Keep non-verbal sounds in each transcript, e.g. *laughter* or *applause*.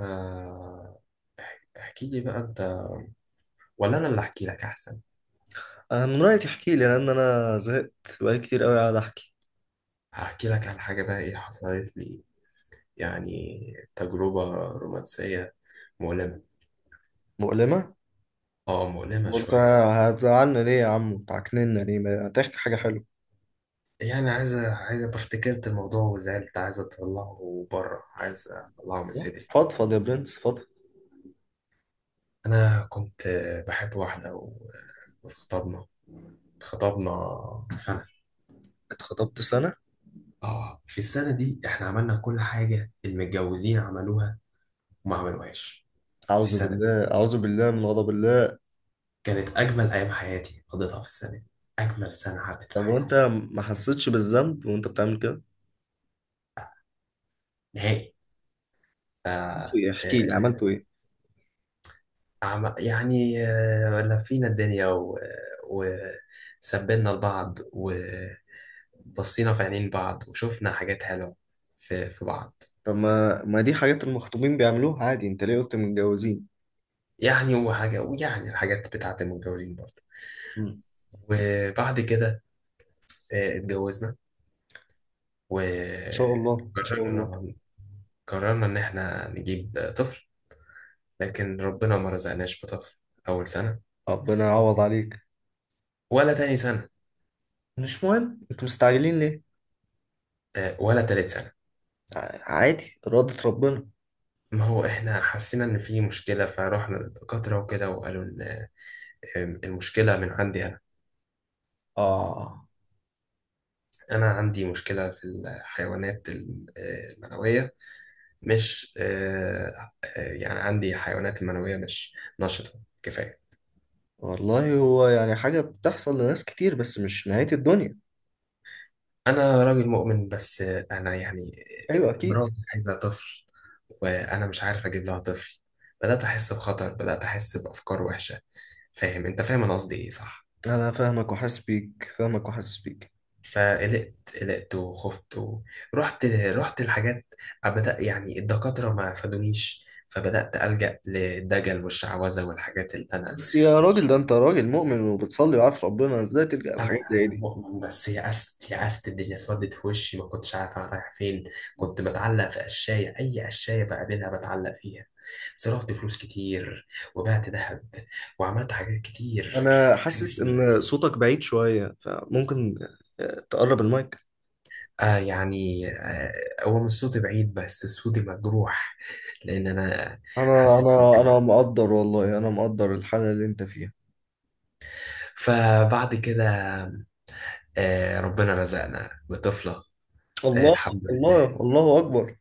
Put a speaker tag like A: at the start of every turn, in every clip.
A: آه، احكي لي بقى انت ولا انا اللي احكي لك احسن.
B: انا من رايي تحكي لي، لان انا زهقت. بقالي كتير قوي قاعد احكي.
A: هحكي لك على حاجه بقى ايه حصلت لي، يعني تجربه رومانسيه مؤلمه.
B: مؤلمة؟
A: اه، مؤلمه
B: وقلت
A: شويه.
B: هتزعلنا ليه يا عم وتعكننا ليه، ما تحكي حاجه حلوه.
A: يعني عايزه افتكرت الموضوع وزعلت، عايزه اطلعه بره، عايزه اطلعه من
B: لا.
A: صدري.
B: فضفض يا برنس، فضفض.
A: انا كنت بحب واحده واتخطبنا. اتخطبنا سنه.
B: اتخطبت سنه؟
A: اه، في السنه دي احنا عملنا كل حاجه المتجوزين عملوها وما عملوهاش. في
B: اعوذ
A: السنه
B: بالله، اعوذ بالله من غضب الله.
A: كانت أجمل أيام حياتي قضيتها في السنة دي، أجمل سنة عدت في
B: طب وانت
A: حياتي.
B: ما حسيتش بالذنب وانت بتعمل كده؟
A: نهائي. ف
B: عملت
A: آه،
B: ايه؟ احكي لي، عملت ايه؟
A: لفينا الدنيا وسبنا لبعض وبصينا في عينين بعض وشفنا حاجات حلوة في بعض.
B: طب ما دي حاجات المخطوبين بيعملوها عادي، انت ليه قلت متجوزين؟
A: يعني وحاجة، ويعني الحاجات بتاعت المتجوزين برضه.
B: مم. ان
A: وبعد كده اتجوزنا وقررنا.
B: شاء الله، ان شاء الله.
A: قررنا إن إحنا نجيب طفل، لكن ربنا ما رزقناش بطفل أول سنة،
B: ربنا يعوض عليك.
A: ولا تاني سنة،
B: مش مهم، انتوا مستعجلين ليه؟
A: ولا تالت سنة.
B: عادي، إرادة ربنا.
A: ما هو احنا حسينا ان في مشكلة فروحنا للدكاترة وكده، وقالوا ان المشكلة من عندي انا.
B: آه،
A: انا عندي مشكلة في الحيوانات المنوية. مش آه، آه، يعني عندي حيوانات المنوية مش نشطة كفاية.
B: والله هو يعني حاجة بتحصل لناس كتير، بس مش نهاية الدنيا.
A: انا راجل مؤمن، بس انا يعني
B: أيوة، أكيد.
A: مراتي عايزة طفل وانا مش عارف اجيب لها طفل. بدأت احس بخطر، بدأت احس بافكار وحشة. فاهم انت، فاهم انا قصدي ايه، صح؟
B: أنا فاهمك وحاسس بيك، فاهمك وحاسس بيك.
A: فقلقت. قلقت وخفت. ورحت الحاجات. بدأ يعني الدكاترة ما فادونيش، فبدأت ألجأ للدجل والشعوذة والحاجات اللي أنا.
B: بس يا راجل،
A: مش،
B: ده أنت راجل مؤمن وبتصلي وعارف ربنا، إزاي تلجأ لحاجات زي
A: أنا
B: دي؟
A: مؤمن، بس يأست. يأست، الدنيا سودت في وشي، ما كنتش عارف أنا رايح فين. كنت بتعلق في قشاية، أي قشاية بقابلها بتعلق فيها. صرفت فلوس كتير، وبعت ذهب، وعملت حاجات كتير.
B: أنا حاسس
A: مش،
B: إن صوتك بعيد شوية، فممكن تقرب المايك.
A: آه يعني آه، هو مش صوتي بعيد بس صوتي مجروح، لأن أنا
B: أنا
A: حسيت
B: أنا أنا
A: بالحمس.
B: مقدر والله، أنا مقدر الحالة اللي أنت فيها.
A: فبعد كده آه، ربنا رزقنا بطفلة. آه،
B: الله.
A: الحمد
B: الله
A: لله.
B: الله أكبر.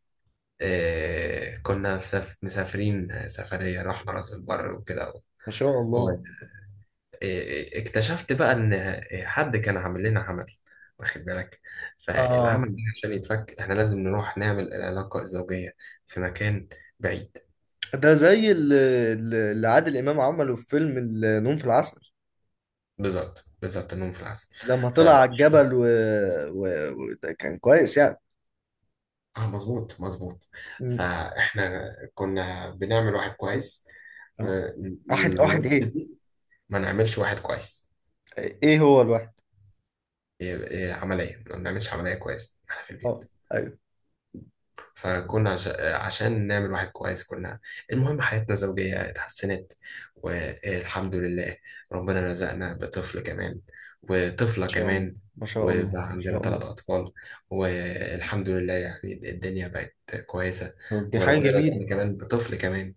A: آه، كنا مسافرين سفرية، رحنا راس البر وكده.
B: ما شاء
A: هو-
B: الله.
A: آه اكتشفت بقى إن حد كان عامل لنا عمل، واخد بالك. فالعمل
B: آه،
A: ده عشان يتفك احنا لازم نروح نعمل العلاقة الزوجية في مكان بعيد.
B: ده زي اللي عادل إمام عمله في فيلم النوم في العسل.
A: بالظبط، بالظبط، النوم في العسل.
B: لما
A: ف
B: طلع على الجبل و... ده كان كويس يعني.
A: اه، مظبوط مظبوط.
B: مم.
A: فاحنا كنا بنعمل واحد كويس.
B: اه.
A: آه،
B: واحد واحد
A: النقطة
B: ايه؟
A: دي ما نعملش واحد كويس.
B: ايه هو الواحد؟
A: إيه- إيه، عملية، ما بنعملش عملية كويس احنا في البيت.
B: اه، ايوه. ما
A: فكنا عشان نعمل واحد كويس كنا. المهم، حياتنا الزوجية اتحسنت والحمد لله. ربنا رزقنا بطفل كمان وطفلة
B: شاء الله،
A: كمان،
B: ما شاء الله،
A: وبقى
B: ما
A: عندنا
B: شاء
A: ثلاث
B: الله.
A: أطفال والحمد لله. يعني الدنيا بقت كويسة.
B: طب دي حاجة
A: وربنا
B: جميلة.
A: رزقنا كمان بطفل كمان.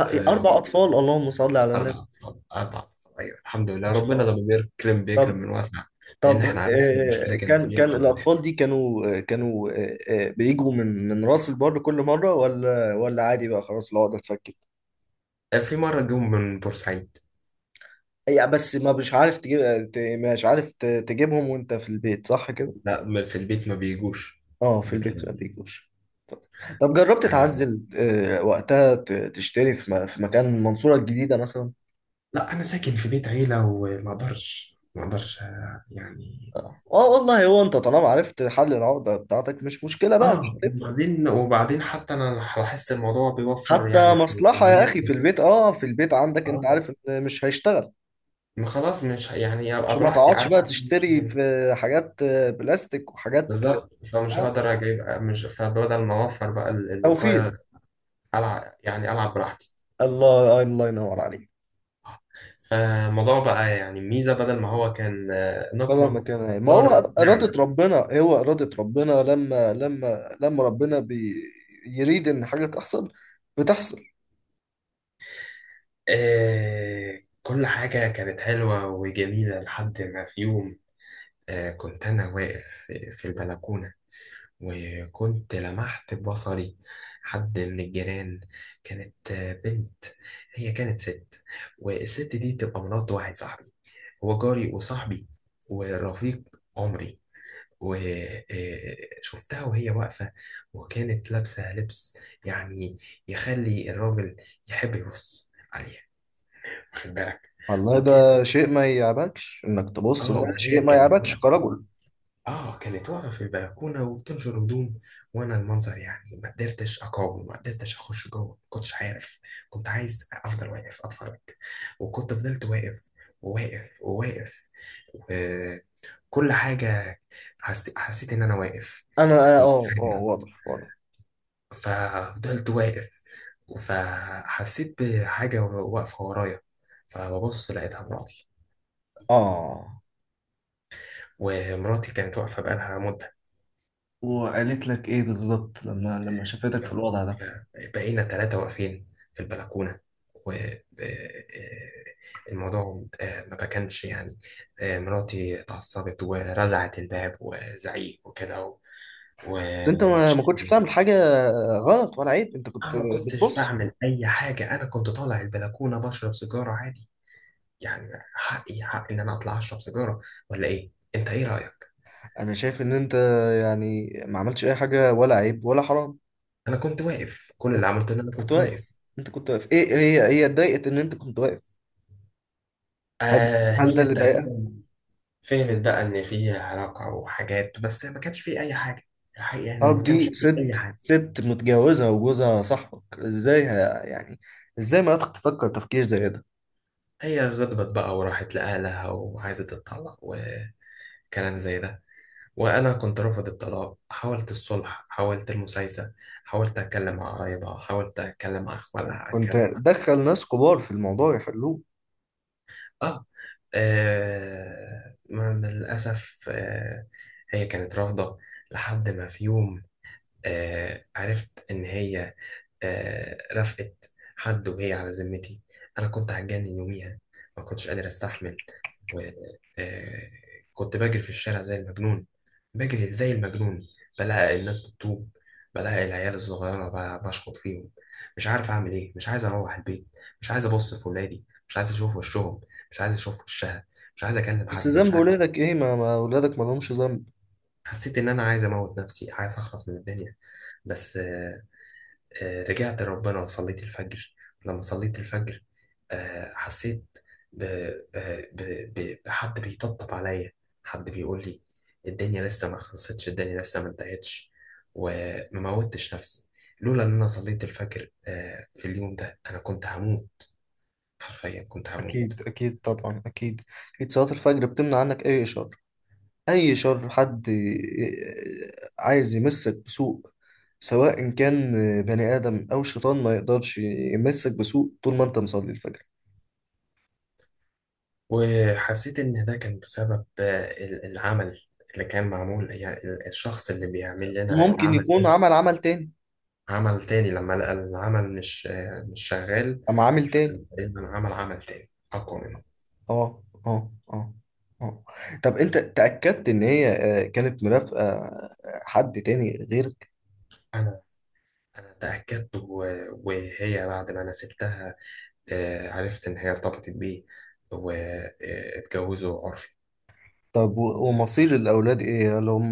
A: آه،
B: اربع اطفال، اللهم صل على النبي.
A: أربع أطفال، أربع أطفال، أيوة الحمد لله.
B: ما شاء
A: ربنا
B: الله.
A: لما بيكرم بيكرم
B: طب.
A: من واسع. لأن إحنا عرفنا المشكلة كانت
B: كان
A: فين
B: كان
A: وحليناها.
B: الاطفال دي كانوا بيجوا من راس البر كل مرة ولا عادي بقى؟ خلاص العقدة اتفكت.
A: في مرة جم من بورسعيد.
B: هي بس، ما مش عارف تجيب مش عارف تجيبهم وانت في البيت، صح كده؟
A: لا ما- في البيت ما بيجوش.
B: اه، في
A: بيت
B: البيت
A: لا.
B: ما بيجوش. طب جربت
A: آه،
B: تعزل وقتها تشتري في في مكان المنصورة الجديدة مثلا؟
A: لا، انا ساكن في بيت عيله وما اقدرش، ما اقدرش. يعني
B: اه، والله، هو انت طالما عرفت حل العقدة بتاعتك مش مشكلة بقى، مش
A: اه.
B: هتفرق.
A: وبعدين حتى انا لاحظت الموضوع بيوفر
B: حتى
A: يعني في
B: مصلحة يا
A: العمليات.
B: اخي في البيت، اه، في البيت عندك انت
A: اه،
B: عارف إن مش هيشتغل.
A: ما خلاص مش ه- يعني ابقى
B: مش، ما
A: براحتي
B: تقعدش
A: عارف
B: بقى
A: إن أنا مش
B: تشتري في
A: هاي-
B: حاجات بلاستيك وحاجات.
A: بالظبط، فمش
B: آه،
A: هقدر اجيب، مش، فبدل ما اوفر بقى
B: توفير.
A: الوقايه، العب يعني، العب براحتي.
B: الله، الله ينور عليك.
A: فالموضوع بقى يعني ميزه بدل ما هو كان
B: بدل
A: نقمه،
B: ما كان ما هو.
A: صار
B: إرادة
A: نعمه.
B: ربنا، هو إرادة ربنا، لما ربنا بيريد إن حاجة تحصل بتحصل.
A: آه، كل حاجة كانت حلوة وجميلة لحد ما في يوم آه، كنت أنا واقف في البلكونة، وكنت لمحت ببصري حد من الجيران. كانت بنت، هي كانت ست. والست دي تبقى مرات واحد صاحبي، هو جاري وصاحبي ورفيق عمري. وشفتها وهي واقفة، وكانت لابسة لبس يعني يخلي الراجل يحب يبص عليها، واخد بالك.
B: والله،
A: وكان
B: ده شيء ما يعبكش انك تبص،
A: اه،
B: ده شيء
A: وهي
B: ما
A: كانت
B: يعبكش كرجل.
A: اه كانت واقفه في البلكونه وبتنشر هدوم. وانا المنظر يعني ما قدرتش اقاوم، ما قدرتش اخش جوه، ما كنتش عارف. كنت عايز افضل واقف اتفرج، وكنت فضلت واقف، وواقف. وكل حاجه، حسيت ان انا واقف
B: انا،
A: ومش
B: اه، اه،
A: عارف.
B: واضح، واضح.
A: ففضلت واقف. فحسيت بحاجه واقفه ورايا، فببص لقيتها مراتي.
B: اه.
A: ومراتي كانت واقفة بقالها مدة.
B: وقالت لك ايه بالظبط لما شافتك في الوضع ده؟
A: بقينا ثلاثة واقفين في البلكونة. والموضوع ما كانش يعني، مراتي اتعصبت ورزعت الباب وزعيق وكده
B: بس انت ما كنتش
A: وشتي.
B: بتعمل حاجة غلط ولا عيب، انت
A: أنا
B: كنت
A: ما كنتش
B: بتبص.
A: بعمل أي حاجة، أنا كنت طالع البلكونة بشرب سيجارة عادي. يعني حقي، حق إن أنا أطلع أشرب سيجارة، ولا إيه؟ أنت إيه رأيك؟
B: انا شايف ان انت يعني ما عملتش اي حاجة، ولا عيب ولا حرام.
A: أنا كنت واقف، كل
B: انت
A: اللي عملته إن أنا
B: كنت
A: كنت واقف.
B: واقف. انت كنت واقف، ايه؟ هي اتضايقت ان انت كنت واقف؟ هل
A: آه،
B: هل ده
A: هي
B: اللي ضايقك؟
A: تقريبا فهمت بقى ان في علاقة وحاجات، بس ما كانش في اي حاجة. الحقيقة انه
B: طب
A: ما كانش
B: دي
A: في اي
B: ست،
A: حاجة.
B: ست متجوزة وجوزها صاحبك، ازاي يعني ازاي ما تفكر تفكير زي ده؟
A: هي غضبت بقى وراحت لأهلها وعايزة تتطلق وكلام زي ده. وأنا كنت رافض الطلاق، حاولت الصلح، حاولت المسايسة، حاولت أتكلم مع قرايبها، حاولت أتكلم مع أخوالها،
B: كنت
A: أتكلم مع
B: دخل ناس كبار في الموضوع يحلوه.
A: آه, للأسف آه. هي كانت رافضة. لحد ما في يوم آه، عرفت إن هي آه، رفقت حد وهي على ذمتي. أنا كنت هتجنن يوميها، ما كنتش قادر أستحمل. و آه كنت بجري في الشارع زي المجنون، بجري زي المجنون، بلاقي الناس بتطوب، بلاقي العيال الصغيرة بشخط فيهم. مش عارف أعمل إيه، مش عايز أروح البيت، مش عايز أبص في ولادي، مش عايز أشوف وشهم، مش عايز أشوف وشها، مش عايز أكلم
B: بس
A: حد، مش
B: ذنب
A: عارف.
B: ولادك ايه؟ ما ولادك ما لهمش ذنب.
A: حسيت إن أنا عايز أموت نفسي، عايز أخلص من الدنيا. بس رجعت لربنا وصليت الفجر. لما صليت الفجر حسيت ب... آه، ب... ب... بحد بيطبطب عليا، حد بيقول لي الدنيا لسه ما خلصتش، الدنيا لسه ما انتهتش. وما موتش نفسي، لولا ان انا صليت الفجر في اليوم ده انا كنت هموت، حرفيا كنت
B: اكيد،
A: هموت.
B: اكيد طبعا، اكيد. اكيد صلاة الفجر بتمنع عنك اي شر، اي شر حد *laughs* عايز يمسك بسوء، سواء كان بني آدم او شيطان، ما يقدرش يمسك بسوء طول ما انت مصلي الفجر.
A: وحسيت ان ده كان بسبب العمل اللي كان معمول. يعني الشخص اللي بيعمل لنا
B: ممكن
A: العمل
B: يكون
A: ده
B: عمل عمل تاني.
A: عمل تاني لما لقى العمل مش شغال.
B: أم عامل تاني.
A: فإنما عمل عمل تاني أقوى منه.
B: اه، اه، اه. اه. طب انت تأكدت ان هي كانت مرافقة حد تاني غيرك؟
A: أنا أنا تأكدت وهي بعد ما أنا سبتها عرفت إن هي ارتبطت بيه واتجوزوا عرفي.
B: طب ومصير الاولاد ايه؟ هل هم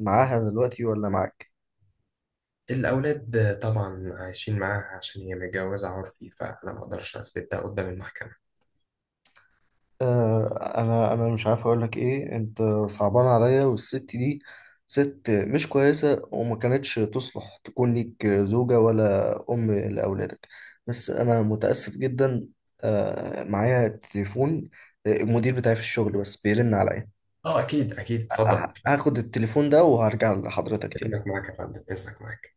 B: معاها دلوقتي ولا معاك؟
A: الأولاد طبعا عايشين معاها، عشان هي متجوزة عرفي فأنا ما أقدرش أثبت ده قدام المحكمة.
B: انا مش عارف اقول لك ايه. انت صعبان عليا، والست دي ست مش كويسة، وما كانتش تصلح تكون ليك زوجة ولا ام لاولادك. بس انا متأسف جدا. معايا تليفون، المدير بتاعي في الشغل بس بيرن عليا.
A: أه، أكيد أكيد، اتفضل اتفضل.
B: هاخد التليفون ده وهرجع لحضرتك تاني.
A: إذنك معاك يا فندم، إذنك معاك.